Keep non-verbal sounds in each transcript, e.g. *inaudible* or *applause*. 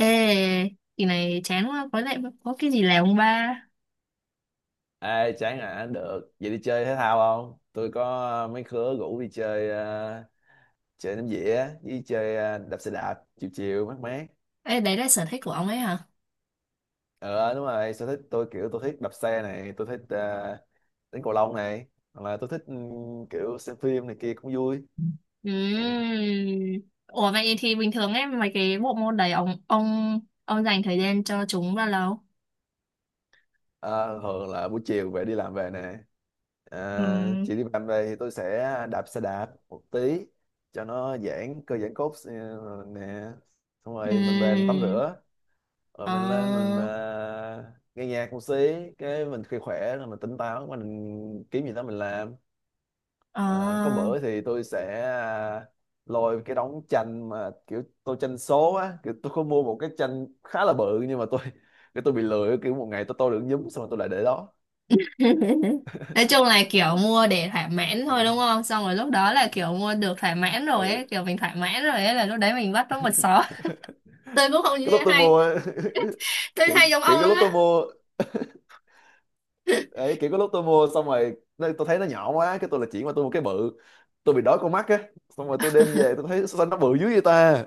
Ê, kỳ này chán quá, có lẽ có cái gì làm không ba? Ê, chán à, được. Vậy đi chơi thể thao không? Tôi có mấy khứa rủ đi chơi chơi ném dĩa với chơi đạp xe đạp chiều chiều mát mát. Ê, đấy là sở thích của ông ấy hả? Ờ đúng rồi, sở thích tôi kiểu tôi thích đạp xe này, tôi thích đánh cầu lông này, hoặc là tôi thích kiểu xem phim này kia cũng vui. Đấy. Ừm. Ủa vậy thì bình thường ấy, mấy cái bộ môn đấy ông dành thời gian cho chúng bao lâu? Ờ, thường là buổi chiều về đi làm về nè. Ừ. Ờ, chị đi làm về thì tôi sẽ đạp xe đạp một tí cho nó giãn cơ giãn cốt nè. Xong rồi mình về mình tắm Ừm. rửa rồi mình lên mình Ờ, à, nghe nhạc một xí cái mình khi khỏe rồi mình tỉnh táo mình kiếm gì đó mình làm. Ờ, có ờ. bữa thì tôi sẽ à, lôi cái đống tranh mà kiểu tôi tranh số á, kiểu tôi có mua một cái tranh khá là bự, nhưng mà cái tôi bị lười, kiểu một ngày tôi được nhúm xong rồi tôi lại để đó. *laughs* Nói chung là kiểu mua để thỏa mãn thôi Ừ. đúng không? Xong rồi lúc đó là kiểu mua được thỏa mãn rồi Ừ. ấy, kiểu mình thỏa mãn rồi ấy là lúc đấy mình bắt nó một xó. *laughs* *laughs* Tôi cũng không như Cái thế lúc tôi hay, mua á, *laughs* tôi kiểu, hay giống kiểu ông cái lắm lúc tôi á. mua. Đấy, kiểu có lúc tôi mua xong rồi tôi thấy nó nhỏ quá cái tôi là chuyển qua tôi mua cái bự, tôi bị đói con mắt á, xong rồi tôi đem về tôi thấy sao nó bự dữ vậy ta.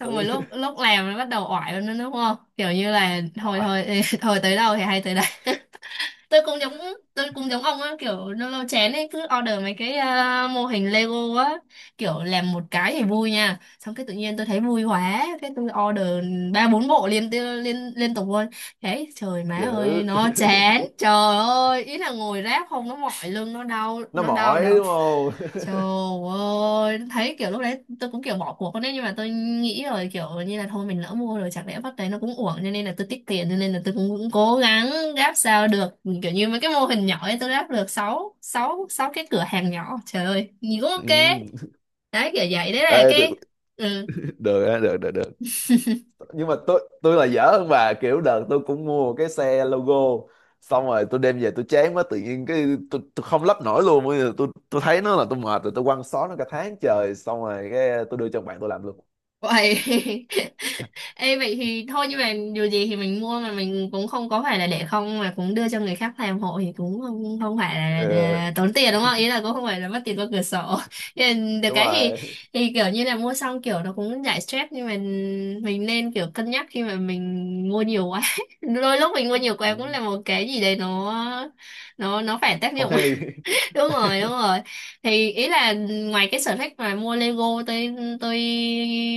Xong rồi Ừ. lúc lúc làm nó bắt đầu oải lên nữa đúng không, kiểu như là thôi Oải, thôi *laughs* thôi tới đâu thì hay tới đấy. *laughs* tôi cũng giống tôi cũng giống ông á, kiểu lâu lâu chén ấy cứ order mấy cái mô hình Lego á, kiểu làm một cái thì vui nha, xong cái tự nhiên tôi thấy vui quá cái tôi order ba bốn bộ liên liên liên tục luôn. Thế trời má ơi dữ. *laughs* nó chán, trời ơi, ý là ngồi ráp không nó mỏi lưng Nó nó đau mỏi đầu. đúng không? Trời *laughs* ơi, thấy kiểu lúc đấy tôi cũng kiểu bỏ cuộc con đấy, nhưng mà tôi nghĩ rồi kiểu như là thôi mình lỡ mua rồi chẳng lẽ bắt đấy nó cũng uổng, cho nên là tôi tiết kiệm, cho nên là tôi cũng cố gắng ráp sao được, kiểu như mấy cái mô hình nhỏ ấy tôi ráp được sáu sáu sáu cái cửa hàng nhỏ, trời ơi nhìn cũng ok. Ừ. Đấy, kiểu vậy đấy là Ê, cái, ừ, được á, được, được, được. Nhưng mà tôi là dở hơn bà, kiểu đợt tôi cũng mua cái xe logo, xong rồi tôi đem về tôi chán quá tự nhiên cái tôi không lắp nổi luôn, bây giờ tôi thấy nó là tôi mệt rồi, tôi quăng xó nó cả tháng trời, xong rồi cái tôi đưa cho bạn tôi làm luôn. vậy. *laughs* Ê vậy thì thôi, nhưng mà dù gì thì mình mua mà mình cũng không có phải là để không mà cũng đưa cho người khác làm hộ, thì cũng không phải là Ờ, tốn tiền đúng không? Ý là cũng không phải là mất tiền qua cửa sổ. *laughs* Nhưng được đúng cái rồi. thì kiểu như là mua xong kiểu nó cũng giải stress, nhưng mà mình nên kiểu cân nhắc khi mà mình mua nhiều quá. *laughs* Đôi lúc mình mua nhiều Ừ, quá cũng là một cái gì đấy, nó phải tác không dụng. hay. Đúng rồi, đúng *laughs* rồi, thì ý là ngoài cái sở thích mà mua Lego tôi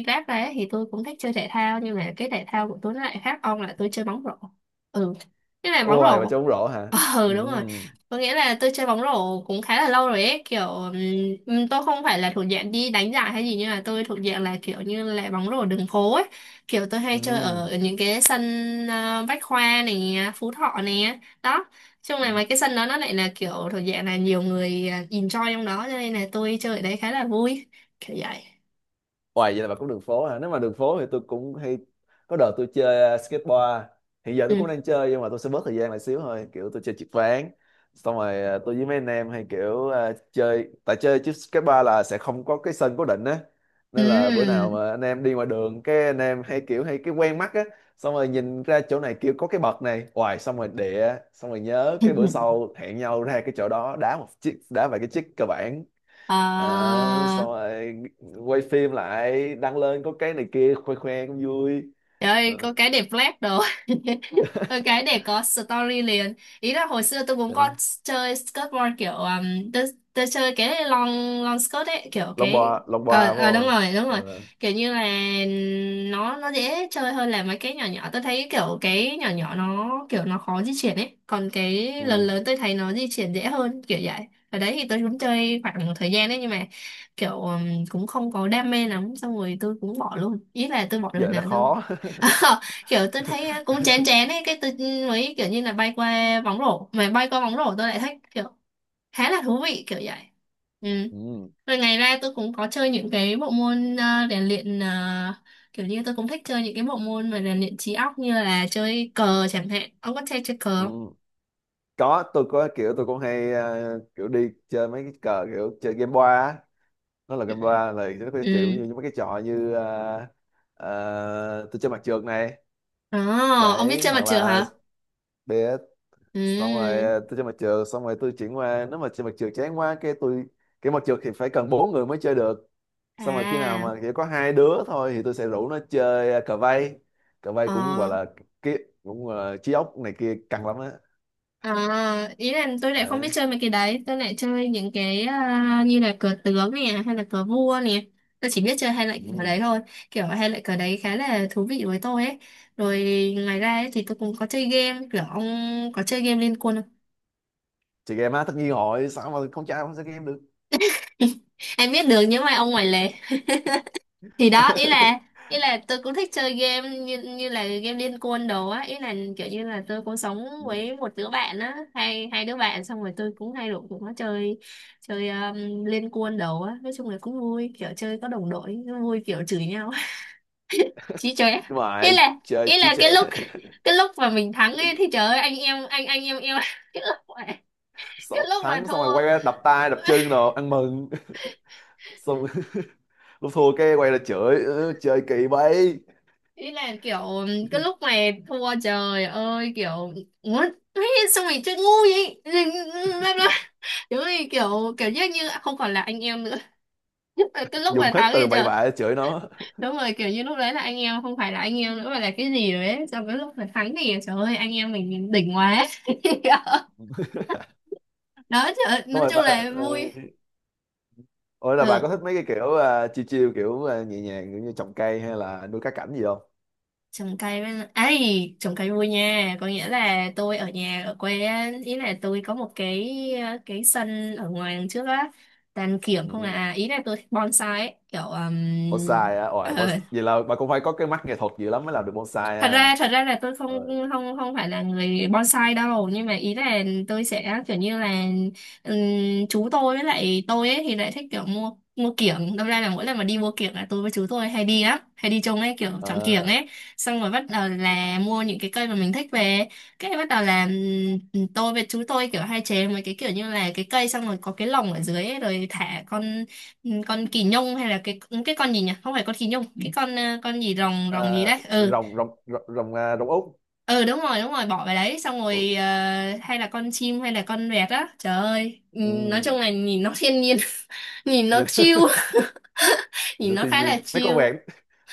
ráp ra ấy, thì tôi cũng thích chơi thể thao, nhưng mà cái thể thao của tôi nó lại khác ông là tôi chơi bóng rổ. Ừ, cái là bóng Ôi mà rổ. trông bóng rổ hả? Ừ, Ừ, *laughs* đúng rồi, có nghĩa là tôi chơi bóng rổ cũng khá là lâu rồi ấy, kiểu tôi không phải là thuộc dạng đi đánh giải hay gì, nhưng mà tôi thuộc dạng là kiểu như là bóng rổ đường phố ấy, kiểu tôi hay chơi ở những cái sân Bách Khoa này, Phú Thọ này đó, trong ừ. này mấy cái sân đó nó lại là kiểu thuộc dạng là nhiều người enjoy trong đó, cho nên là tôi chơi ở đấy khá là vui, kiểu vậy. Hoài vậy là bà cũng đường phố hả? Nếu mà đường phố thì tôi cũng hay, có đợt tôi chơi skateboard. Hiện giờ tôi cũng Ừ. đang chơi nhưng mà tôi sẽ bớt thời gian lại xíu thôi. Kiểu tôi chơi trượt ván. Xong rồi tôi với mấy anh em hay kiểu chơi tại chơi chứ skateboard là sẽ không có cái sân cố định á. Nên là bữa nào Ừm. mà anh em đi ngoài đường cái anh em hay kiểu hay cái quen mắt á, xong rồi nhìn ra chỗ này kiểu có cái bậc này, hoài xong rồi xong rồi nhớ cái bữa *laughs* sau hẹn nhau ra cái chỗ đó đá một chiếc đá vài cái chiếc cơ bản. Ờ, Ờ, xong rồi quay phim lại đăng lên có cái này kia khoe khoe cũng vui. trời ơi Ờ. có cái đẹp flash đồ. *laughs* Ừ, cái *laughs* để có story liền, ý là hồi xưa tôi cũng có Ừ. chơi skateboard, kiểu tôi chơi cái long long skirt ấy, kiểu cái, lông bò ờ phải ờ, đúng không? rồi đúng rồi, Ờ. kiểu như là nó dễ chơi hơn là mấy cái nhỏ nhỏ, tôi thấy kiểu cái nhỏ nhỏ nó kiểu nó khó di chuyển ấy, còn cái lớn Ừ. lớn tôi thấy nó di chuyển dễ hơn, kiểu vậy. Ở đấy thì tôi cũng chơi khoảng một thời gian đấy, nhưng mà kiểu cũng không có đam mê lắm, xong rồi tôi cũng bỏ luôn, ý là tôi bỏ Với rồi lại nó nào. khó. *laughs* Ờ, kiểu tôi thấy *laughs* á, cũng chén chén ấy, cái tôi mới kiểu như là bay qua bóng rổ, mà bay qua bóng rổ tôi lại thấy kiểu khá là thú vị, kiểu vậy. Ừ. Ừ. Rồi ngày ra tôi cũng có chơi những cái bộ môn rèn luyện, kiểu như tôi cũng thích chơi những cái bộ môn mà rèn luyện trí óc như là chơi cờ chẳng hạn, ông có chơi chơi cờ không? Ừ. Có, tôi có kiểu tôi cũng hay, kiểu đi chơi mấy cái cờ kiểu chơi game boa á. Nó là game boa là nó có chịu Ừ. như mấy cái trò như tôi chơi mặt trượt này, Ồ, ông biết đấy, chơi mặt hoặc trượt là hả? bè, Ừ. xong rồi tôi chơi mặt trượt xong rồi tôi chuyển qua, nếu mà chơi mặt trượt chán quá cái tôi, cái mặt trượt thì phải cần bốn người mới chơi được, xong rồi khi nào À, mà chỉ có hai đứa thôi thì tôi sẽ rủ nó chơi cờ vây, cờ vây cũng gọi ờ. là cái cũng trí óc này kia căng lắm á. À, ý là tôi lại không biết Đấy. chơi mấy cái đấy, tôi lại chơi những cái như là cờ tướng nè hay là cờ vua nè, tôi chỉ biết chơi hai loại cờ Ừ. đấy thôi, kiểu hai loại cờ đấy khá là thú vị với tôi ấy. Rồi ngoài ra ấy, thì tôi cũng có chơi game, kiểu ông có chơi game Liên Quân không? Chơi game á, tất nhiên rồi, sao mà con trai không chơi game được. *laughs* Em biết được những bài ông ngoài lề thì đó, ý là *laughs* tôi cũng thích chơi game như như là game Liên Quân đồ á, ý là kiểu như là tôi cũng sống Ừ. với một đứa bạn á, hai hai đứa bạn, xong rồi tôi cũng hay rủ cũng có chơi chơi Liên Quân đồ á, nói chung là cũng vui, kiểu chơi có đồng đội nó vui, kiểu chửi nhau. *laughs* Chí chơi á. Nhưng mà ý là chơi ý chí là cái trệ. lúc cái lúc mà mình thắng ấy thì trời ơi anh em, anh em yêu. *laughs* cái lúc mà *laughs* Xong, cái lúc mà thắng xong rồi thua, quay ra đập tay đập chân rồi ăn mừng xong. *laughs* Lúc thua cái quay ra chửi "Ơ, chơi kỳ vậy". ý là kiểu cái lúc này thua trời ơi kiểu muốn ấy, xong rồi chơi ngu vậy. Rồi, bla bla, đúng rồi, kiểu kiểu như như không còn là anh em nữa. *laughs* Nhất là cái lúc Dùng mà hết thắng thì từ bậy trời, bạ để chửi nó. đúng rồi, kiểu như lúc đấy là anh em không phải là anh em nữa mà là cái gì rồi đấy, xong cái lúc mà thắng thì trời ơi anh em mình đỉnh quá. *laughs* Đó, trời ơi, Đúng nói rồi chung bà, là ờ, vui. ủa là bà có Ừ. thích mấy cái kiểu à, chill chill kiểu à, nhẹ nhàng kiểu như trồng cây hay là nuôi cá cảnh gì không? Trồng cây với lại- ấy, trồng cây vui nha, có nghĩa là tôi ở nhà ở quê á, ý là tôi có một cái cái sân ở ngoài đằng trước á, tàn kiểm không Ừ. à, ý là tôi thích bonsai ấy, kiểu Bonsai á, ôi bonsai. Vậy là bà cũng phải có cái mắt nghệ thuật gì lắm mới làm được bonsai thật à? ra thật ra là tôi không, không phải là người bonsai đâu, nhưng mà ý là tôi sẽ kiểu như là chú tôi với lại tôi ấy thì lại thích kiểu mua mua kiểng, đâm ra là mỗi lần mà đi mua kiểng là tôi với chú tôi hay đi lắm, hay đi chung ấy, kiểu Ờ, chọn kiểng ờ, ấy, xong rồi bắt đầu là mua những cái cây mà mình thích về, cái bắt đầu là tôi với chú tôi kiểu hay chế mấy cái kiểu như là cái cây xong rồi có cái lồng ở dưới ấy, rồi thả con kỳ nhung, hay là cái con gì nhỉ, không phải con kỳ nhung, cái con con gì, rồng rồng gì ờ, đấy, ừ, rồng rồng rồng rồng, à, rồng út. ừ đúng rồi đúng rồi, bỏ về đấy xong Ừ. rồi hay là con chim hay là con vẹt á, trời ơi. Ừ, Nói nhìn. chung là nhìn nó thiên nhiên, *laughs* nhìn nó chill, *laughs* *laughs* Nhìn nhìn nó nó thiên khá là nhiên mấy con chill. vẹn,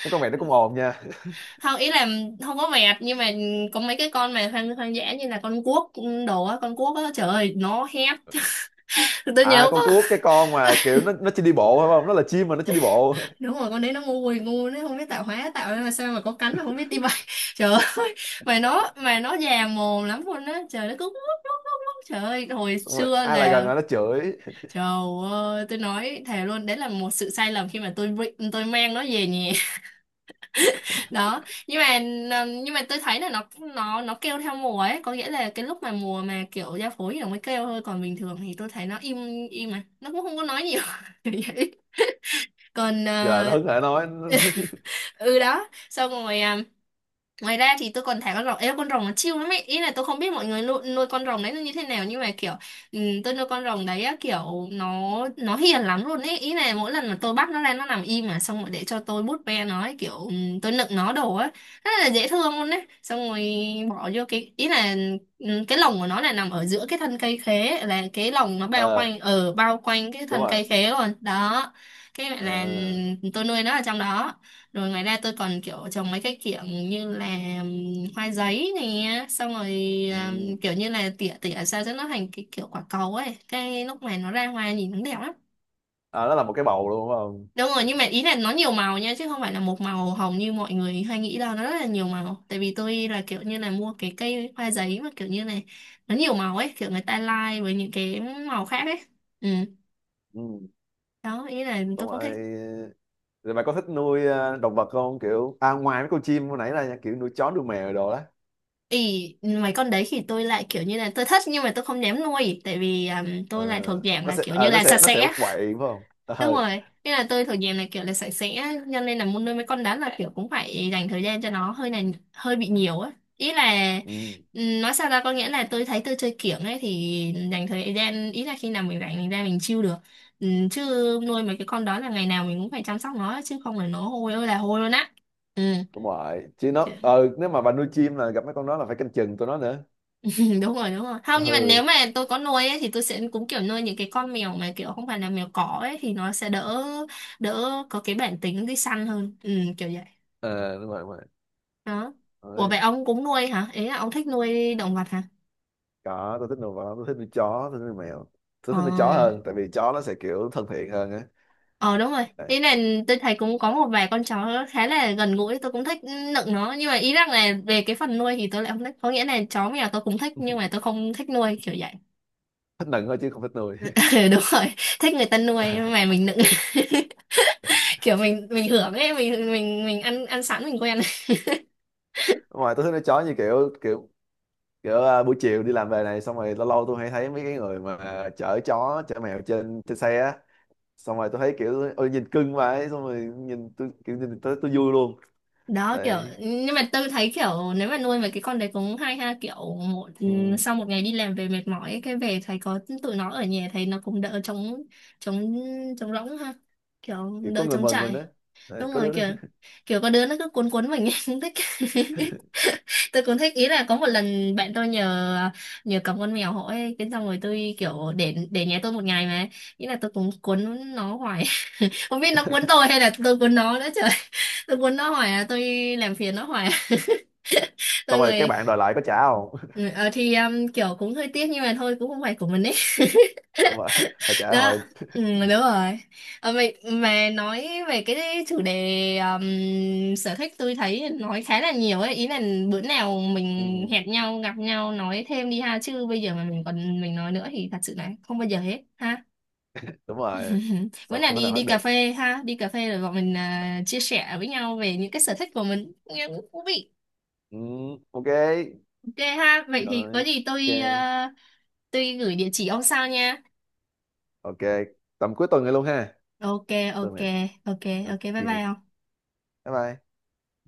mấy con vẹn nó cũng ồn nha. Không, ý là không có vẹt, nhưng mà có mấy cái con mà hoang hoang dã như là con cuốc đồ á, con cuốc á trời ơi nó hét. *laughs* Tôi À, nhớ có, con cuốc cái con mà kiểu nó chỉ đi bộ phải không? Nó là chim mà nó chỉ đi bộ. đúng rồi con đấy nó ngu quỳ ngu, nó không biết tạo hóa tạo ra mà sao mà có cánh mà không biết đi *laughs* bay. *laughs* Trời ơi, mà nó già mồm lắm luôn á trời, nó cứ lúc lúc lúc lúc trời ơi hồi Xong rồi xưa ai lại gần là, là nó chửi. trời ơi, tôi nói thề luôn, đấy là một sự sai lầm khi mà tôi mang nó về nhà. *laughs* Đó, nhưng mà tôi thấy là nó nó kêu theo mùa ấy, có nghĩa là cái lúc mà mùa mà kiểu giao phối thì nó mới kêu thôi, còn bình thường thì tôi thấy nó im im mà, nó cũng không có nói nhiều. *laughs* Kiểu vậy. Còn Vậy là nó hứng hở nói. ừ đó, xong rồi à, ngoài ra thì tôi còn thả con rồng, ê con rồng nó chill lắm ấy, ý là tôi không biết mọi người nuôi con rồng đấy nó như thế nào, nhưng mà kiểu ừ, tôi nuôi con rồng đấy á, kiểu nó hiền lắm luôn ấy, ý là mỗi lần mà tôi bắt nó ra nó nằm im mà, xong rồi để cho tôi bút ve nó ấy, kiểu ừ, tôi nựng nó đồ á, rất là dễ thương luôn đấy, xong rồi bỏ vô cái ý là ừ, cái lồng của nó là nằm ở giữa cái thân cây khế, là cái lồng nó bao *laughs* Ờ, quanh cái đúng thân rồi. cây khế luôn đó, cái là Ờ, ừ, tôi nuôi nó ở trong đó. Rồi ngoài ra tôi còn kiểu trồng mấy cái kiểu như là hoa giấy nè. Xong rồi ừ. Kiểu như là tỉa tỉa sao cho nó thành cái kiểu quả cầu ấy. Cái lúc này nó ra hoa nhìn nó đẹp lắm. À, nó là một cái bầu luôn đúng không? Đúng rồi, nhưng mà ý là nó nhiều màu nha. Chứ không phải là một màu hồng như mọi người hay nghĩ đâu. Nó rất là nhiều màu. Tại vì tôi là kiểu như là mua cái cây hoa giấy mà kiểu như này, nó nhiều màu ấy. Kiểu người ta lai với những cái màu khác ấy. Ừ, Ừ. đó, ý là Xong tôi cũng thích. rồi rồi mày có thích nuôi động vật không, kiểu à ngoài mấy con chim hồi nãy là nha, kiểu nuôi chó nuôi mèo đồ đó? Ý, mấy con đấy thì tôi lại kiểu như là tôi thích nhưng mà tôi không dám nuôi, tại vì Ờ, tôi lại thuộc dạng nó là sẽ kiểu như ờ, nó là sạch sẽ nó sẽ sẽ, quậy phải không? đúng Ờ, rồi, nên là tôi thuộc dạng là kiểu là sạch sẽ, cho nên là muốn nuôi mấy con đó là kiểu cũng phải dành thời gian cho nó hơi này, hơi bị nhiều á. Ý là ừ. Nói sao ra, có nghĩa là tôi thấy tôi chơi kiểng ấy, thì dành thời gian, ý là khi nào mình rảnh mình ra mình chill được. Chứ nuôi mấy cái con đó là ngày nào mình cũng phải chăm sóc nó, chứ không là nó hôi ơi là hôi luôn á. Ừ. Đúng rồi, chứ nó, nếu mà bà nuôi chim là gặp mấy con đó là phải canh chừng tụi nó nữa. Ừ, đúng rồi, đúng rồi, không, nhưng mà Ừ, nếu mà tôi có nuôi ấy, thì tôi sẽ cũng kiểu nuôi những cái con mèo mà kiểu không phải là mèo cỏ ấy, thì nó sẽ đỡ, đỡ có cái bản tính đi săn hơn. Ừ, kiểu vậy. ờ, đúng rồi, đúng rồi. Đó. Ủa, Đấy. vậy ông cũng nuôi hả, ý là ông thích nuôi động vật hả? Có, tôi thích nuôi vật lắm, tôi thích nuôi chó, tôi thích nuôi mèo. Tôi Ờ. thích nuôi chó hơn tại vì chó nó sẽ kiểu thân thiện hơn Ờ, đúng rồi, á. ý là tôi thấy cũng có một vài con chó khá là gần gũi, tôi cũng thích nựng nó, nhưng mà ý rằng là về cái phần nuôi thì tôi lại không thích. Có nghĩa là chó mèo tôi cũng thích nhưng mà tôi không thích nuôi, kiểu vậy. Thích nựng thôi chứ không thích nuôi. *laughs* Ừ, đúng rồi, thích người ta nuôi mà *laughs* mình nựng, kiểu mình hưởng ấy, mình ăn ăn sẵn mình quen. Ngoài tôi thích nuôi chó như kiểu kiểu kiểu à, buổi chiều đi làm về này xong rồi lâu lâu tôi hay thấy mấy cái người mà chở chó chở mèo trên trên xe á, xong rồi tôi thấy kiểu ôi nhìn cưng quá ấy, xong rồi nhìn tôi kiểu nhìn tôi vui luôn. Đó, kiểu Đấy. nhưng mà tôi thấy kiểu nếu mà nuôi mấy cái con đấy cũng hay ha, kiểu một, ừ, Ừ, sau một ngày đi làm về mệt mỏi ấy, cái về thấy có tụi nó ở nhà thấy nó cũng đỡ trống, trống, trống rỗng ha, kiểu kiểu có đỡ người trống mừng mình đấy, trải. đấy Đúng có rồi, đứa. kiểu kiểu có đứa nó cứ cuốn cuốn mình ấy, *laughs* cũng thích. Tôi cũng thích, ý là có một lần bạn tôi nhờ nhờ cầm con mèo hỏi cái, xong rồi tôi kiểu để nhà tôi một ngày mà ý là tôi cũng cuốn nó hoài, không biết nó cuốn *laughs* tôi hay là tôi cuốn nó nữa trời. *laughs* Tôi cuốn nó hoài à, tôi làm phiền nó hoài à. *laughs* Tôi Xong rồi các người, bạn đòi lại có trả không? ừ, *laughs* ờ, thì kiểu cũng hơi tiếc nhưng mà thôi cũng không phải của mình ấy. Đúng rồi, phải *laughs* trả Đó. hồi. Ừ, đúng rồi. Ờ, mày mà nói về cái chủ đề sở thích tôi thấy nói khá là nhiều ấy, ý là bữa nào *laughs* mình Ừ, hẹn nhau gặp nhau nói thêm đi ha, chứ bây giờ mà mình còn mình nói nữa thì thật sự là không bao giờ hết ha. đúng rồi. *laughs* Bữa Sao nào không thể đi nào hết đi cà được. phê ha, đi cà phê rồi bọn mình à, chia sẻ với nhau về những cái sở thích của mình. Nghe cũng thú vị. Ừ, ok. Ok ha, vậy thì có Rồi, gì ok. tôi à, tôi gửi địa chỉ ông sao nha. Ok. Tầm cuối tuần này luôn ha? Ok. Tuần ok này. ok Ok. ok, bye bye ông. Bye bye.